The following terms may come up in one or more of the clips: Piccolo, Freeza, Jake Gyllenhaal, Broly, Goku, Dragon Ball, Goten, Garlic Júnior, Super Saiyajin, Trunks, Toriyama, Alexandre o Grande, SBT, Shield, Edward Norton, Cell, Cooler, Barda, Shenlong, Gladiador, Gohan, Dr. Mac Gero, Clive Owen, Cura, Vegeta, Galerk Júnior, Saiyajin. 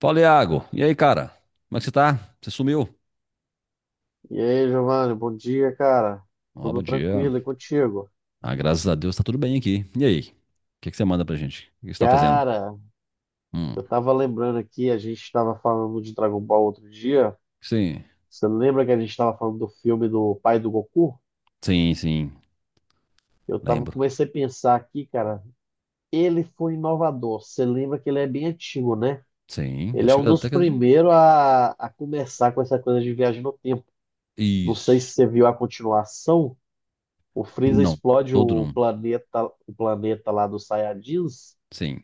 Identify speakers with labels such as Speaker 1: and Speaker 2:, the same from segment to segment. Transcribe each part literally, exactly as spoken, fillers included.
Speaker 1: Fala, Iago. E aí, cara? Como é que você tá? Você sumiu?
Speaker 2: E aí, Giovanni, bom dia, cara.
Speaker 1: Ó,
Speaker 2: Tudo
Speaker 1: bom dia.
Speaker 2: tranquilo e contigo?
Speaker 1: Ah, graças a Deus tá tudo bem aqui. E aí? O que que você manda pra gente? O que você tá fazendo?
Speaker 2: Cara, eu
Speaker 1: Hum,
Speaker 2: tava lembrando aqui, a gente tava falando de Dragon Ball outro dia.
Speaker 1: sim.
Speaker 2: Você lembra que a gente tava falando do filme do pai do Goku?
Speaker 1: Sim, sim.
Speaker 2: Eu tava,
Speaker 1: Lembro.
Speaker 2: comecei a pensar aqui, cara, ele foi inovador. Você lembra que ele é bem antigo, né?
Speaker 1: Sim.
Speaker 2: Ele é
Speaker 1: Acho que
Speaker 2: um
Speaker 1: era da
Speaker 2: dos
Speaker 1: década de...
Speaker 2: primeiros a, a começar com essa coisa de viagem no tempo. Não sei
Speaker 1: Isso.
Speaker 2: se você viu a continuação. O Freeza
Speaker 1: Não.
Speaker 2: explode
Speaker 1: Todo
Speaker 2: o
Speaker 1: não.
Speaker 2: planeta, o planeta lá dos Saiyajins.
Speaker 1: Sim.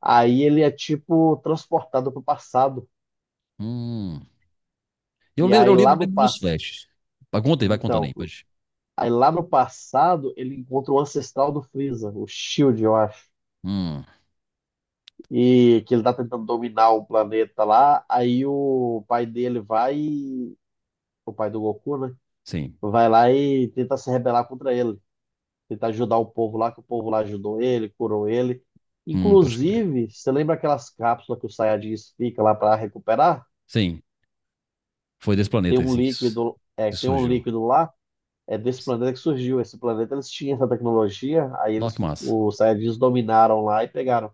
Speaker 2: Aí ele é tipo transportado para o passado.
Speaker 1: Hum. Eu
Speaker 2: E
Speaker 1: lembro, eu
Speaker 2: aí lá
Speaker 1: lembro, eu
Speaker 2: no
Speaker 1: lembro dos
Speaker 2: passado.
Speaker 1: flashes. Vai, conta aí, vai contando
Speaker 2: Então,
Speaker 1: aí. Pode.
Speaker 2: aí lá no passado ele encontra o ancestral do Freeza, o Shield, eu acho.
Speaker 1: Hum.
Speaker 2: E que ele tá tentando dominar o planeta lá. Aí o pai dele vai. e- O pai do Goku, né?
Speaker 1: Sim.
Speaker 2: Vai lá e tenta se rebelar contra ele. Tentar ajudar o povo lá, que o povo lá ajudou ele, curou ele.
Speaker 1: Hum, pode crer.
Speaker 2: Inclusive, você lembra aquelas cápsulas que o Saiyajins fica lá para recuperar?
Speaker 1: Sim. Foi desse
Speaker 2: Tem
Speaker 1: planeta,
Speaker 2: um
Speaker 1: assim, que, su-
Speaker 2: líquido, é,
Speaker 1: que
Speaker 2: tem um
Speaker 1: surgiu.
Speaker 2: líquido lá é desse planeta que surgiu. Esse planeta eles tinham essa tecnologia, aí
Speaker 1: Nossa, que
Speaker 2: eles,
Speaker 1: massa.
Speaker 2: os Saiyajins dominaram lá e pegaram.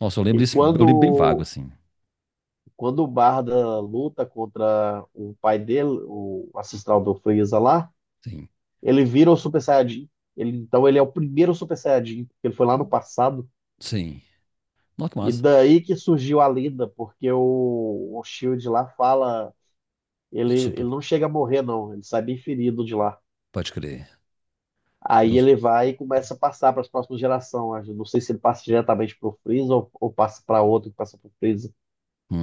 Speaker 1: Nossa, eu lembro
Speaker 2: E
Speaker 1: disso. Eu lembro bem vago,
Speaker 2: quando,
Speaker 1: assim.
Speaker 2: quando o Barda luta contra o pai dele, o ancestral do Freeza lá,
Speaker 1: Sim.
Speaker 2: ele vira o Super Saiyajin. Ele, então ele é o primeiro Super Saiyajin, porque ele foi lá no passado.
Speaker 1: Sim. Nossa, que
Speaker 2: E
Speaker 1: massa.
Speaker 2: daí que surgiu a lenda, porque o, o Shield lá fala. Ele, ele
Speaker 1: Super.
Speaker 2: não chega a morrer, não. Ele sai bem ferido de lá.
Speaker 1: Pode crer.
Speaker 2: Aí
Speaker 1: Nos-
Speaker 2: ele vai e começa a passar para as próximas gerações. Eu não sei se ele passa diretamente para o Freeza ou, ou passa para outro que passa para o Freeza.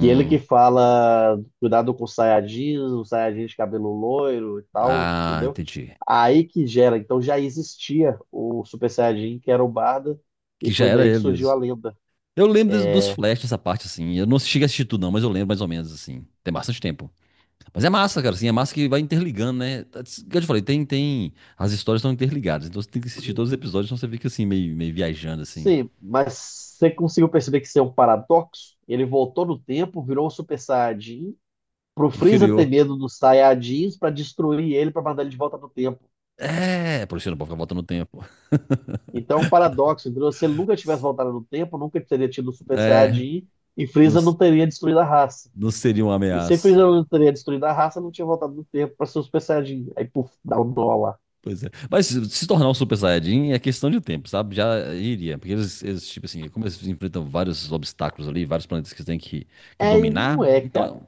Speaker 2: E ele que fala, cuidado com os Saiyajins, os Saiyajins de cabelo loiro e tal,
Speaker 1: Ah,
Speaker 2: entendeu?
Speaker 1: entendi.
Speaker 2: Aí que gera. Então já existia o Super Saiyajin, que era o Barda, e
Speaker 1: Que já
Speaker 2: foi
Speaker 1: era
Speaker 2: daí que
Speaker 1: ele
Speaker 2: surgiu
Speaker 1: mesmo.
Speaker 2: a lenda.
Speaker 1: Eu lembro des- dos flashes dessa parte, assim. Eu não cheguei a assistir tudo, não, mas eu lembro mais ou menos, assim. Tem bastante tempo. Mas é massa, cara, assim. É massa que vai interligando, né? Como eu te falei, tem, tem... As histórias estão interligadas. Então você tem que assistir todos os episódios, senão você fica, assim, meio, meio viajando, assim.
Speaker 2: Sim, mas você conseguiu perceber que isso é um paradoxo? Ele voltou no tempo, virou o Super Saiyajin, pro
Speaker 1: Que
Speaker 2: Freeza ter
Speaker 1: criou.
Speaker 2: medo dos Saiyajins para destruir ele, para mandar ele de volta no tempo.
Speaker 1: É, por isso eu não pode ficar voltando no tempo.
Speaker 2: Então, é um paradoxo. Entendeu? Se ele nunca tivesse voltado no tempo, nunca teria tido o Super Saiyajin e
Speaker 1: Não,
Speaker 2: Freeza
Speaker 1: s-
Speaker 2: não teria destruído a raça.
Speaker 1: não seria uma
Speaker 2: E se
Speaker 1: ameaça.
Speaker 2: Freeza não teria destruído a raça, não tinha voltado no tempo para ser o Super Saiyajin. Aí, puf, dá um nó lá.
Speaker 1: Pois é. Mas se se tornar um Super Saiyajin é questão de tempo, sabe? Já iria. Porque eles, eles, tipo assim, como eles enfrentam vários obstáculos ali, vários planetas que eles têm que, que
Speaker 2: É, e não
Speaker 1: dominar,
Speaker 2: é,
Speaker 1: então
Speaker 2: cara.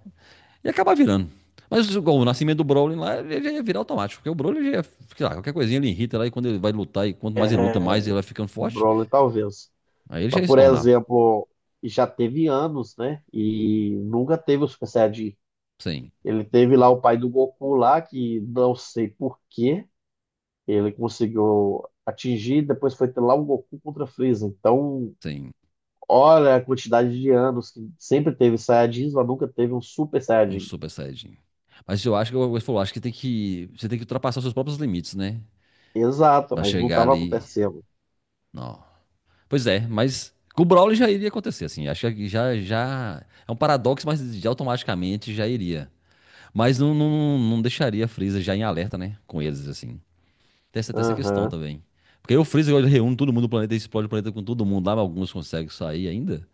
Speaker 1: ia acabar virando. Mas igual o nascimento do Broly lá, ele já ia virar automático, porque o Broly já ia, sei lá, qualquer coisinha ele irrita lá e quando ele vai lutar, e quanto mais ele luta,
Speaker 2: É,
Speaker 1: mais ele vai ficando forte.
Speaker 2: Broly talvez.
Speaker 1: Aí ele já
Speaker 2: Mas,
Speaker 1: ia se
Speaker 2: por
Speaker 1: tornar,
Speaker 2: exemplo, já teve anos, né? E nunca teve o Super Saiyajin.
Speaker 1: sem,
Speaker 2: Ele teve lá o pai do Goku lá, que não sei por quê, ele conseguiu atingir, depois foi ter lá o Goku contra Freeza. Então,
Speaker 1: sem
Speaker 2: olha a quantidade de anos que sempre teve Saiyajins, mas nunca teve um Super
Speaker 1: um
Speaker 2: Saiyajin.
Speaker 1: Super Saiyajin. Mas eu acho que, como você falou, acho que tem que, você tem que ultrapassar os seus próprios limites, né?
Speaker 2: Exato,
Speaker 1: Pra
Speaker 2: mas não
Speaker 1: chegar
Speaker 2: estava
Speaker 1: ali.
Speaker 2: acontecendo.
Speaker 1: Não. Pois é, mas com o Brawley já iria acontecer, assim. Acho que já, já é um paradoxo, mas já automaticamente já iria. Mas não, não, não deixaria a Freeza já em alerta, né? Com eles, assim. Tem essa, tem essa questão
Speaker 2: Aham,
Speaker 1: também. Porque aí o Freeza ele reúne todo mundo do planeta e explode o planeta com todo mundo lá, mas alguns conseguem sair ainda.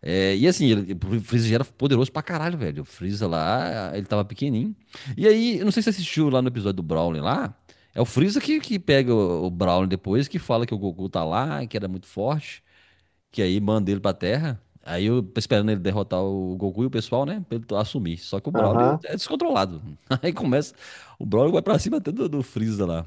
Speaker 1: É, e assim, ele- o Freeza já era poderoso pra caralho, velho. O Freeza lá, ele tava pequenininho. E aí, eu não sei se você assistiu lá no episódio do Brawley lá. É o Freeza que, que pega o, o Brawley depois, que fala que o Goku tá lá, que era muito forte que aí manda ele pra Terra. Aí eu esperando ele derrotar o Goku e o pessoal, né? Pra ele assumir. Só que o Broly
Speaker 2: aham.
Speaker 1: é descontrolado. Aí começa. O Broly vai pra cima até do, do Freeza lá.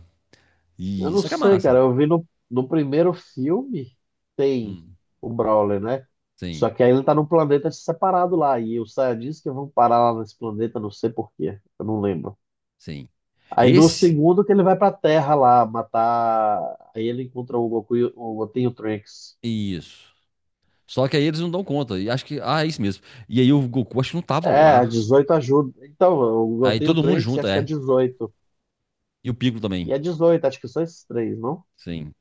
Speaker 2: Eu
Speaker 1: E
Speaker 2: não
Speaker 1: só que é
Speaker 2: sei,
Speaker 1: massa.
Speaker 2: cara. Eu vi no, no primeiro filme, tem
Speaker 1: Hum,
Speaker 2: o Brawler, né?
Speaker 1: sim,
Speaker 2: Só que aí ele tá num planeta separado lá. E os Saiyajins que vão parar lá nesse planeta, não sei por quê. Eu não lembro.
Speaker 1: sim.
Speaker 2: Aí no
Speaker 1: Esse.
Speaker 2: segundo que ele vai pra Terra lá matar. Aí ele encontra o Goku, e o Goten e o Trunks.
Speaker 1: Isso. Só que aí eles não dão conta. E acho que. Ah, é isso mesmo. E aí o Goku acho que não tava
Speaker 2: É, a
Speaker 1: lá.
Speaker 2: dezoito ajuda. Então, eu, eu
Speaker 1: Aí
Speaker 2: tenho o
Speaker 1: todo mundo
Speaker 2: Trunks e
Speaker 1: junto,
Speaker 2: acho que é
Speaker 1: é.
Speaker 2: dezoito.
Speaker 1: E o Piccolo também.
Speaker 2: E é dezoito, acho que são esses três, não?
Speaker 1: Sim.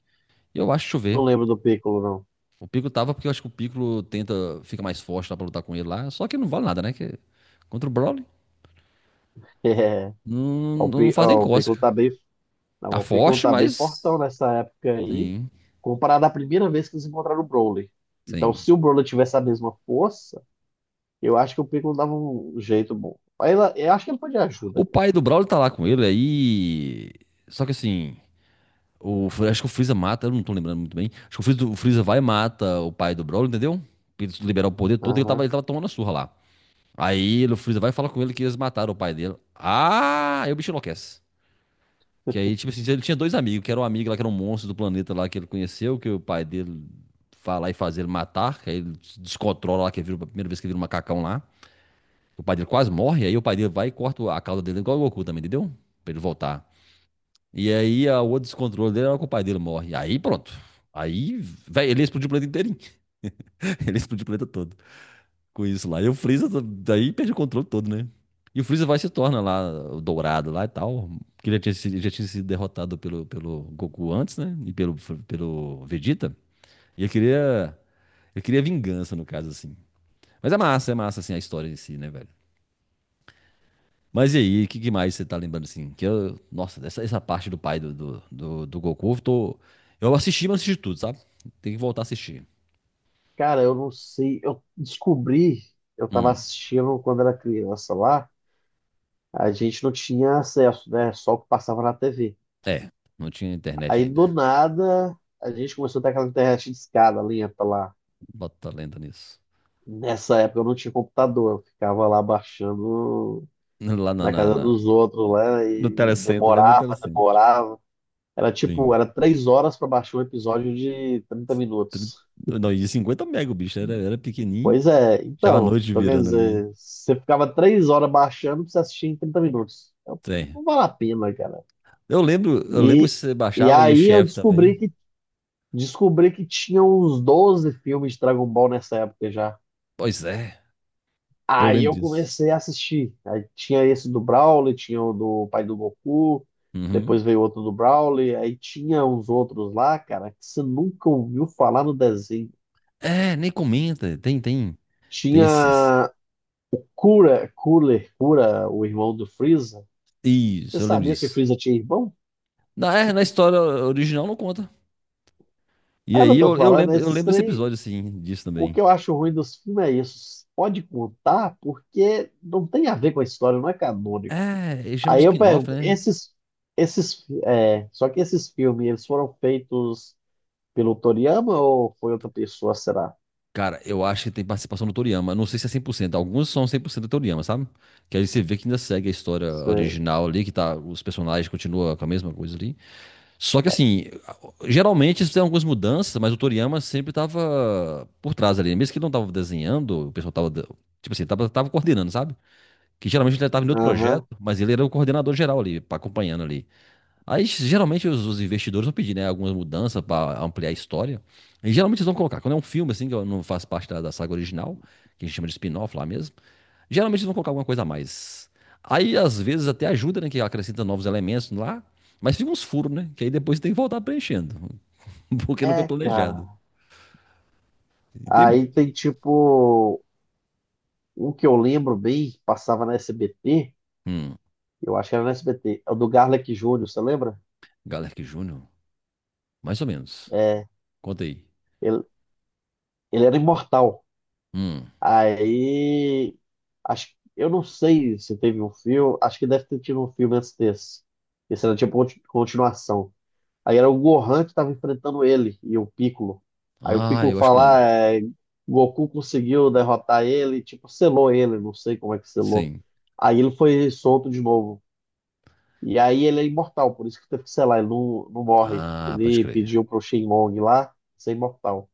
Speaker 1: Eu acho, deixa eu
Speaker 2: Não
Speaker 1: ver.
Speaker 2: lembro do Piccolo, não.
Speaker 1: O Piccolo tava porque eu acho que o Piccolo tenta. Fica mais forte lá pra lutar com ele lá. Só que não vale nada, né? Que, contra o Broly.
Speaker 2: É,
Speaker 1: Não,
Speaker 2: o,
Speaker 1: não
Speaker 2: Pi-
Speaker 1: fazem
Speaker 2: ó, o Piccolo
Speaker 1: cócega.
Speaker 2: tá bem, não,
Speaker 1: Tá
Speaker 2: o Piccolo
Speaker 1: forte,
Speaker 2: tá bem fortão
Speaker 1: mas.
Speaker 2: nessa época aí,
Speaker 1: Sim,
Speaker 2: comparado à primeira vez que eles encontraram o Broly. Então,
Speaker 1: sim.
Speaker 2: se o Broly tivesse a mesma força, eu acho que o Piccolo dava um jeito bom. Aí, ela- eu acho que ele pode
Speaker 1: O
Speaker 2: ajuda, cara.
Speaker 1: pai do Brawler tá lá com ele aí. Só que assim. O, acho que o Freeza mata, eu não tô lembrando muito bem. Acho que o Freeza, o Freeza vai e mata o pai do Brawler, entendeu? Pra ele liberar o poder todo, ele tava,
Speaker 2: Aham.
Speaker 1: ele tava tomando a surra lá. Aí ele- o Freeza vai e fala com ele que eles mataram o pai dele. Ah, aí o bicho enlouquece. Que aí, tipo assim, ele tinha dois amigos, que era um amigo lá, que era um monstro do planeta lá que ele conheceu, que o pai dele vai lá e faz ele matar, que aí ele se descontrola lá, que ele vira, a primeira vez que ele vira um macacão lá. O pai dele quase morre, aí o pai dele vai e corta a cauda dele igual o Goku também, entendeu? Pra ele voltar. E aí a, o outro descontrole dele era que o pai dele morre. Aí pronto. Aí, velho, ele explodiu o planeta inteirinho. Ele explodiu o planeta todo com isso lá. E o Freeza daí perde o controle todo, né? E o Freeza vai e se torna lá o dourado lá e tal. Que ele já tinha, sido- já tinha sido derrotado pelo, pelo Goku antes, né? E pelo, pelo Vegeta. E ele queria, ele queria vingança, no caso, assim. Mas é massa, é massa, assim, a história em si, né, velho? Mas e aí, o que, que mais você tá lembrando assim? Que eu, nossa, dessa essa parte do pai do, do, do, do Goku, eu tô. Eu assisti, mas não assisti tudo, sabe? Tem que voltar a assistir.
Speaker 2: Cara, eu não sei. Eu descobri, eu tava
Speaker 1: Hum.
Speaker 2: assistindo quando era criança lá. A gente não tinha acesso, né? Só o que passava na tê vê.
Speaker 1: É, não tinha internet
Speaker 2: Aí
Speaker 1: ainda.
Speaker 2: do nada a gente começou a ter aquela internet de escada lenta lá.
Speaker 1: Bota lenda nisso.
Speaker 2: Nessa época eu não tinha computador, eu ficava lá baixando
Speaker 1: Lá na,
Speaker 2: na
Speaker 1: na,
Speaker 2: casa
Speaker 1: na-
Speaker 2: dos outros lá
Speaker 1: no
Speaker 2: e
Speaker 1: telecentro, lembra do
Speaker 2: demorava,
Speaker 1: telecentro.
Speaker 2: demorava. Era tipo,
Speaker 1: Sim.
Speaker 2: era três horas para baixar um episódio de trinta
Speaker 1: Tri-
Speaker 2: minutos.
Speaker 1: Não, e cinquenta mega o bicho, era, era pequenininho.
Speaker 2: Pois é,
Speaker 1: Tava a
Speaker 2: então,
Speaker 1: noite
Speaker 2: então quer
Speaker 1: virando ali.
Speaker 2: dizer, você ficava três horas baixando pra você assistir em trinta minutos. Então,
Speaker 1: Sim.
Speaker 2: não vale a pena, cara.
Speaker 1: Eu lembro, eu lembro
Speaker 2: E,
Speaker 1: se você
Speaker 2: e
Speaker 1: baixava e o
Speaker 2: aí eu
Speaker 1: chefe também.
Speaker 2: descobri descobri que tinha uns doze filmes de Dragon Ball nessa época já.
Speaker 1: Pois é, eu
Speaker 2: Aí
Speaker 1: lembro
Speaker 2: eu
Speaker 1: disso.
Speaker 2: comecei a assistir. Aí tinha esse do Broly, tinha o do pai do Goku,
Speaker 1: Uhum.
Speaker 2: depois veio outro do Broly, aí tinha uns outros lá, cara, que você nunca ouviu falar no desenho.
Speaker 1: É, nem comenta, tem, tem, tem esses.
Speaker 2: Tinha Cura, Cooler, Cura, o irmão do Freeza. Você
Speaker 1: Isso, eu lembro
Speaker 2: sabia que
Speaker 1: disso.
Speaker 2: Freeza tinha irmão?
Speaker 1: Na, é, na história original não conta. E
Speaker 2: É o que
Speaker 1: aí
Speaker 2: eu tô
Speaker 1: eu, eu
Speaker 2: falando,
Speaker 1: lembro, eu
Speaker 2: esses
Speaker 1: lembro desse
Speaker 2: três.
Speaker 1: episódio, assim, disso
Speaker 2: O
Speaker 1: também.
Speaker 2: que eu acho ruim dos filmes é isso. Pode contar porque não tem a ver com a história, não é canônico.
Speaker 1: É, ele chama de
Speaker 2: Aí eu
Speaker 1: spin-off,
Speaker 2: pergunto,
Speaker 1: né?
Speaker 2: esses, esses, é, só que esses filmes, eles foram feitos pelo Toriyama ou foi outra pessoa, será?
Speaker 1: Cara, eu acho que tem participação do Toriyama. Não sei se é cem por cento. Alguns são cem por cento do Toriyama, sabe? Que aí você vê que ainda segue a história
Speaker 2: Sei.
Speaker 1: original ali, que tá, os personagens continuam com a mesma coisa ali. Só que assim, geralmente isso tem algumas mudanças, mas o Toriyama sempre tava por trás ali. Mesmo que ele não tava desenhando, o pessoal tava, tipo assim, tava, tava coordenando, sabe? Que geralmente ele estava em outro
Speaker 2: Aham.
Speaker 1: projeto, mas ele era o coordenador geral ali, pa- acompanhando ali. Aí geralmente os, os investidores vão pedir, né, algumas mudanças para ampliar a história. E geralmente eles vão colocar, quando é um filme assim, que eu não faz parte da, da saga original, que a gente chama de spin-off lá mesmo, geralmente eles vão colocar alguma coisa a mais. Aí às vezes até ajuda, né, que acrescenta novos elementos lá, mas fica uns furos, né, que aí depois tem que voltar preenchendo, porque não foi
Speaker 2: É,
Speaker 1: planejado.
Speaker 2: cara.
Speaker 1: E tem
Speaker 2: Aí
Speaker 1: muito.
Speaker 2: tem tipo, um que eu lembro bem, que passava na S B T,
Speaker 1: Hum,
Speaker 2: eu acho que era na S B T, é o do Garlic Júnior, você lembra?
Speaker 1: Galerk Júnior? Mais ou menos.
Speaker 2: É,
Speaker 1: Conta aí.
Speaker 2: ele, ele era imortal.
Speaker 1: Hum.
Speaker 2: Aí, acho, eu não sei se teve um filme, acho que deve ter tido um filme antes desse. Esse era tipo conti- continuação. Aí era o Gohan que estava enfrentando ele e o Piccolo. Aí o
Speaker 1: Ah,
Speaker 2: Piccolo
Speaker 1: eu acho que eu
Speaker 2: fala, ah,
Speaker 1: lembro.
Speaker 2: é, Goku conseguiu derrotar ele, tipo, selou ele, não sei como é que selou.
Speaker 1: Sim.
Speaker 2: Aí ele foi solto de novo. E aí ele é imortal, por isso que teve que selar, ele não, não morre.
Speaker 1: Ah, pode
Speaker 2: Ele
Speaker 1: crer.
Speaker 2: pediu pro Shenlong lá ser imortal.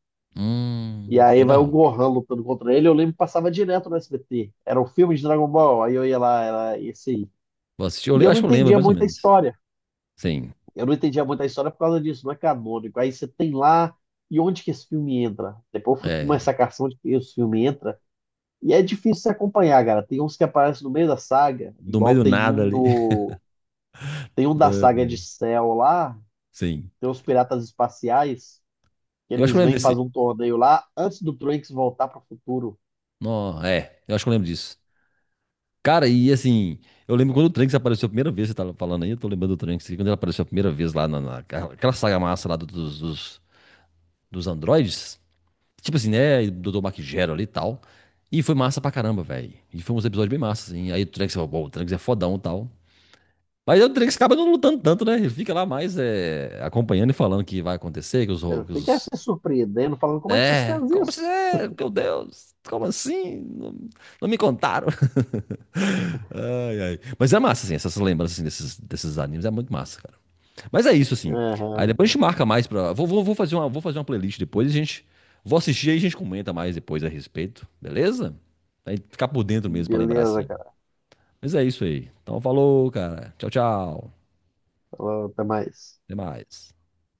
Speaker 2: E
Speaker 1: Hum,
Speaker 2: aí
Speaker 1: vai dar
Speaker 2: vai o
Speaker 1: ruim.
Speaker 2: Gohan lutando contra ele, eu lembro que passava direto no S B T. Era um filme de Dragon Ball, aí eu ia lá, era esse aí.
Speaker 1: Vou assistir, eu
Speaker 2: E
Speaker 1: le-
Speaker 2: eu não
Speaker 1: acho que eu lembro
Speaker 2: entendia
Speaker 1: mais ou
Speaker 2: muito a
Speaker 1: menos.
Speaker 2: história.
Speaker 1: Sim,
Speaker 2: Eu não entendia muito a história por causa disso, não é canônico. Aí você tem lá, e onde que esse filme entra? Depois eu fui com uma
Speaker 1: é.
Speaker 2: sacação de que esse filme entra. E é difícil se acompanhar, cara. Tem uns que aparecem no meio da saga,
Speaker 1: Do meio
Speaker 2: igual
Speaker 1: do
Speaker 2: tem
Speaker 1: nada
Speaker 2: um
Speaker 1: ali.
Speaker 2: do. Tem um da
Speaker 1: Ah,
Speaker 2: saga de
Speaker 1: meu.
Speaker 2: Cell lá,
Speaker 1: Sim.
Speaker 2: tem os piratas espaciais, que
Speaker 1: Eu acho que
Speaker 2: eles
Speaker 1: eu lembro
Speaker 2: vêm
Speaker 1: desse.
Speaker 2: fazer um torneio lá antes do Trunks voltar para o futuro.
Speaker 1: Não, é, eu acho que eu lembro disso. Cara, e assim, eu lembro quando o Trunks apareceu a primeira vez, você tava falando aí, eu tô lembrando do Trunks, quando ele apareceu a primeira vez lá na, na- aquela saga massa lá do- dos, dos, dos androides. Tipo assim, né, e do doutor Mac Gero ali e tal. E foi massa pra caramba, velho. E foi uns episódios bem massa, assim. Aí o Trunks falou, pô, o Trunks é fodão e tal. Mas o Drake acaba não lutando tanto, né? Ele fica lá mais é, acompanhando e falando que vai acontecer, que os, ro-
Speaker 2: Ele
Speaker 1: que
Speaker 2: fica se
Speaker 1: os-
Speaker 2: surpreendendo, falando, como é que vocês
Speaker 1: É,
Speaker 2: fazem
Speaker 1: como assim?
Speaker 2: isso?
Speaker 1: É, meu Deus, como assim? Não, não me contaram. Ai, ai. Mas é massa, assim, essas lembranças assim, desses, desses animes é muito massa, cara. Mas é isso, assim. Aí
Speaker 2: Aham,
Speaker 1: depois a gente marca mais pra. Vou, vou, vou fazer uma, vou fazer uma playlist depois, a gente. Vou assistir aí e a gente comenta mais depois a respeito, beleza? Aí ficar por dentro mesmo pra lembrar,
Speaker 2: beleza,
Speaker 1: assim.
Speaker 2: cara.
Speaker 1: Mas é isso aí. Então falou, cara. Tchau, tchau.
Speaker 2: Falou, até mais.
Speaker 1: Até mais.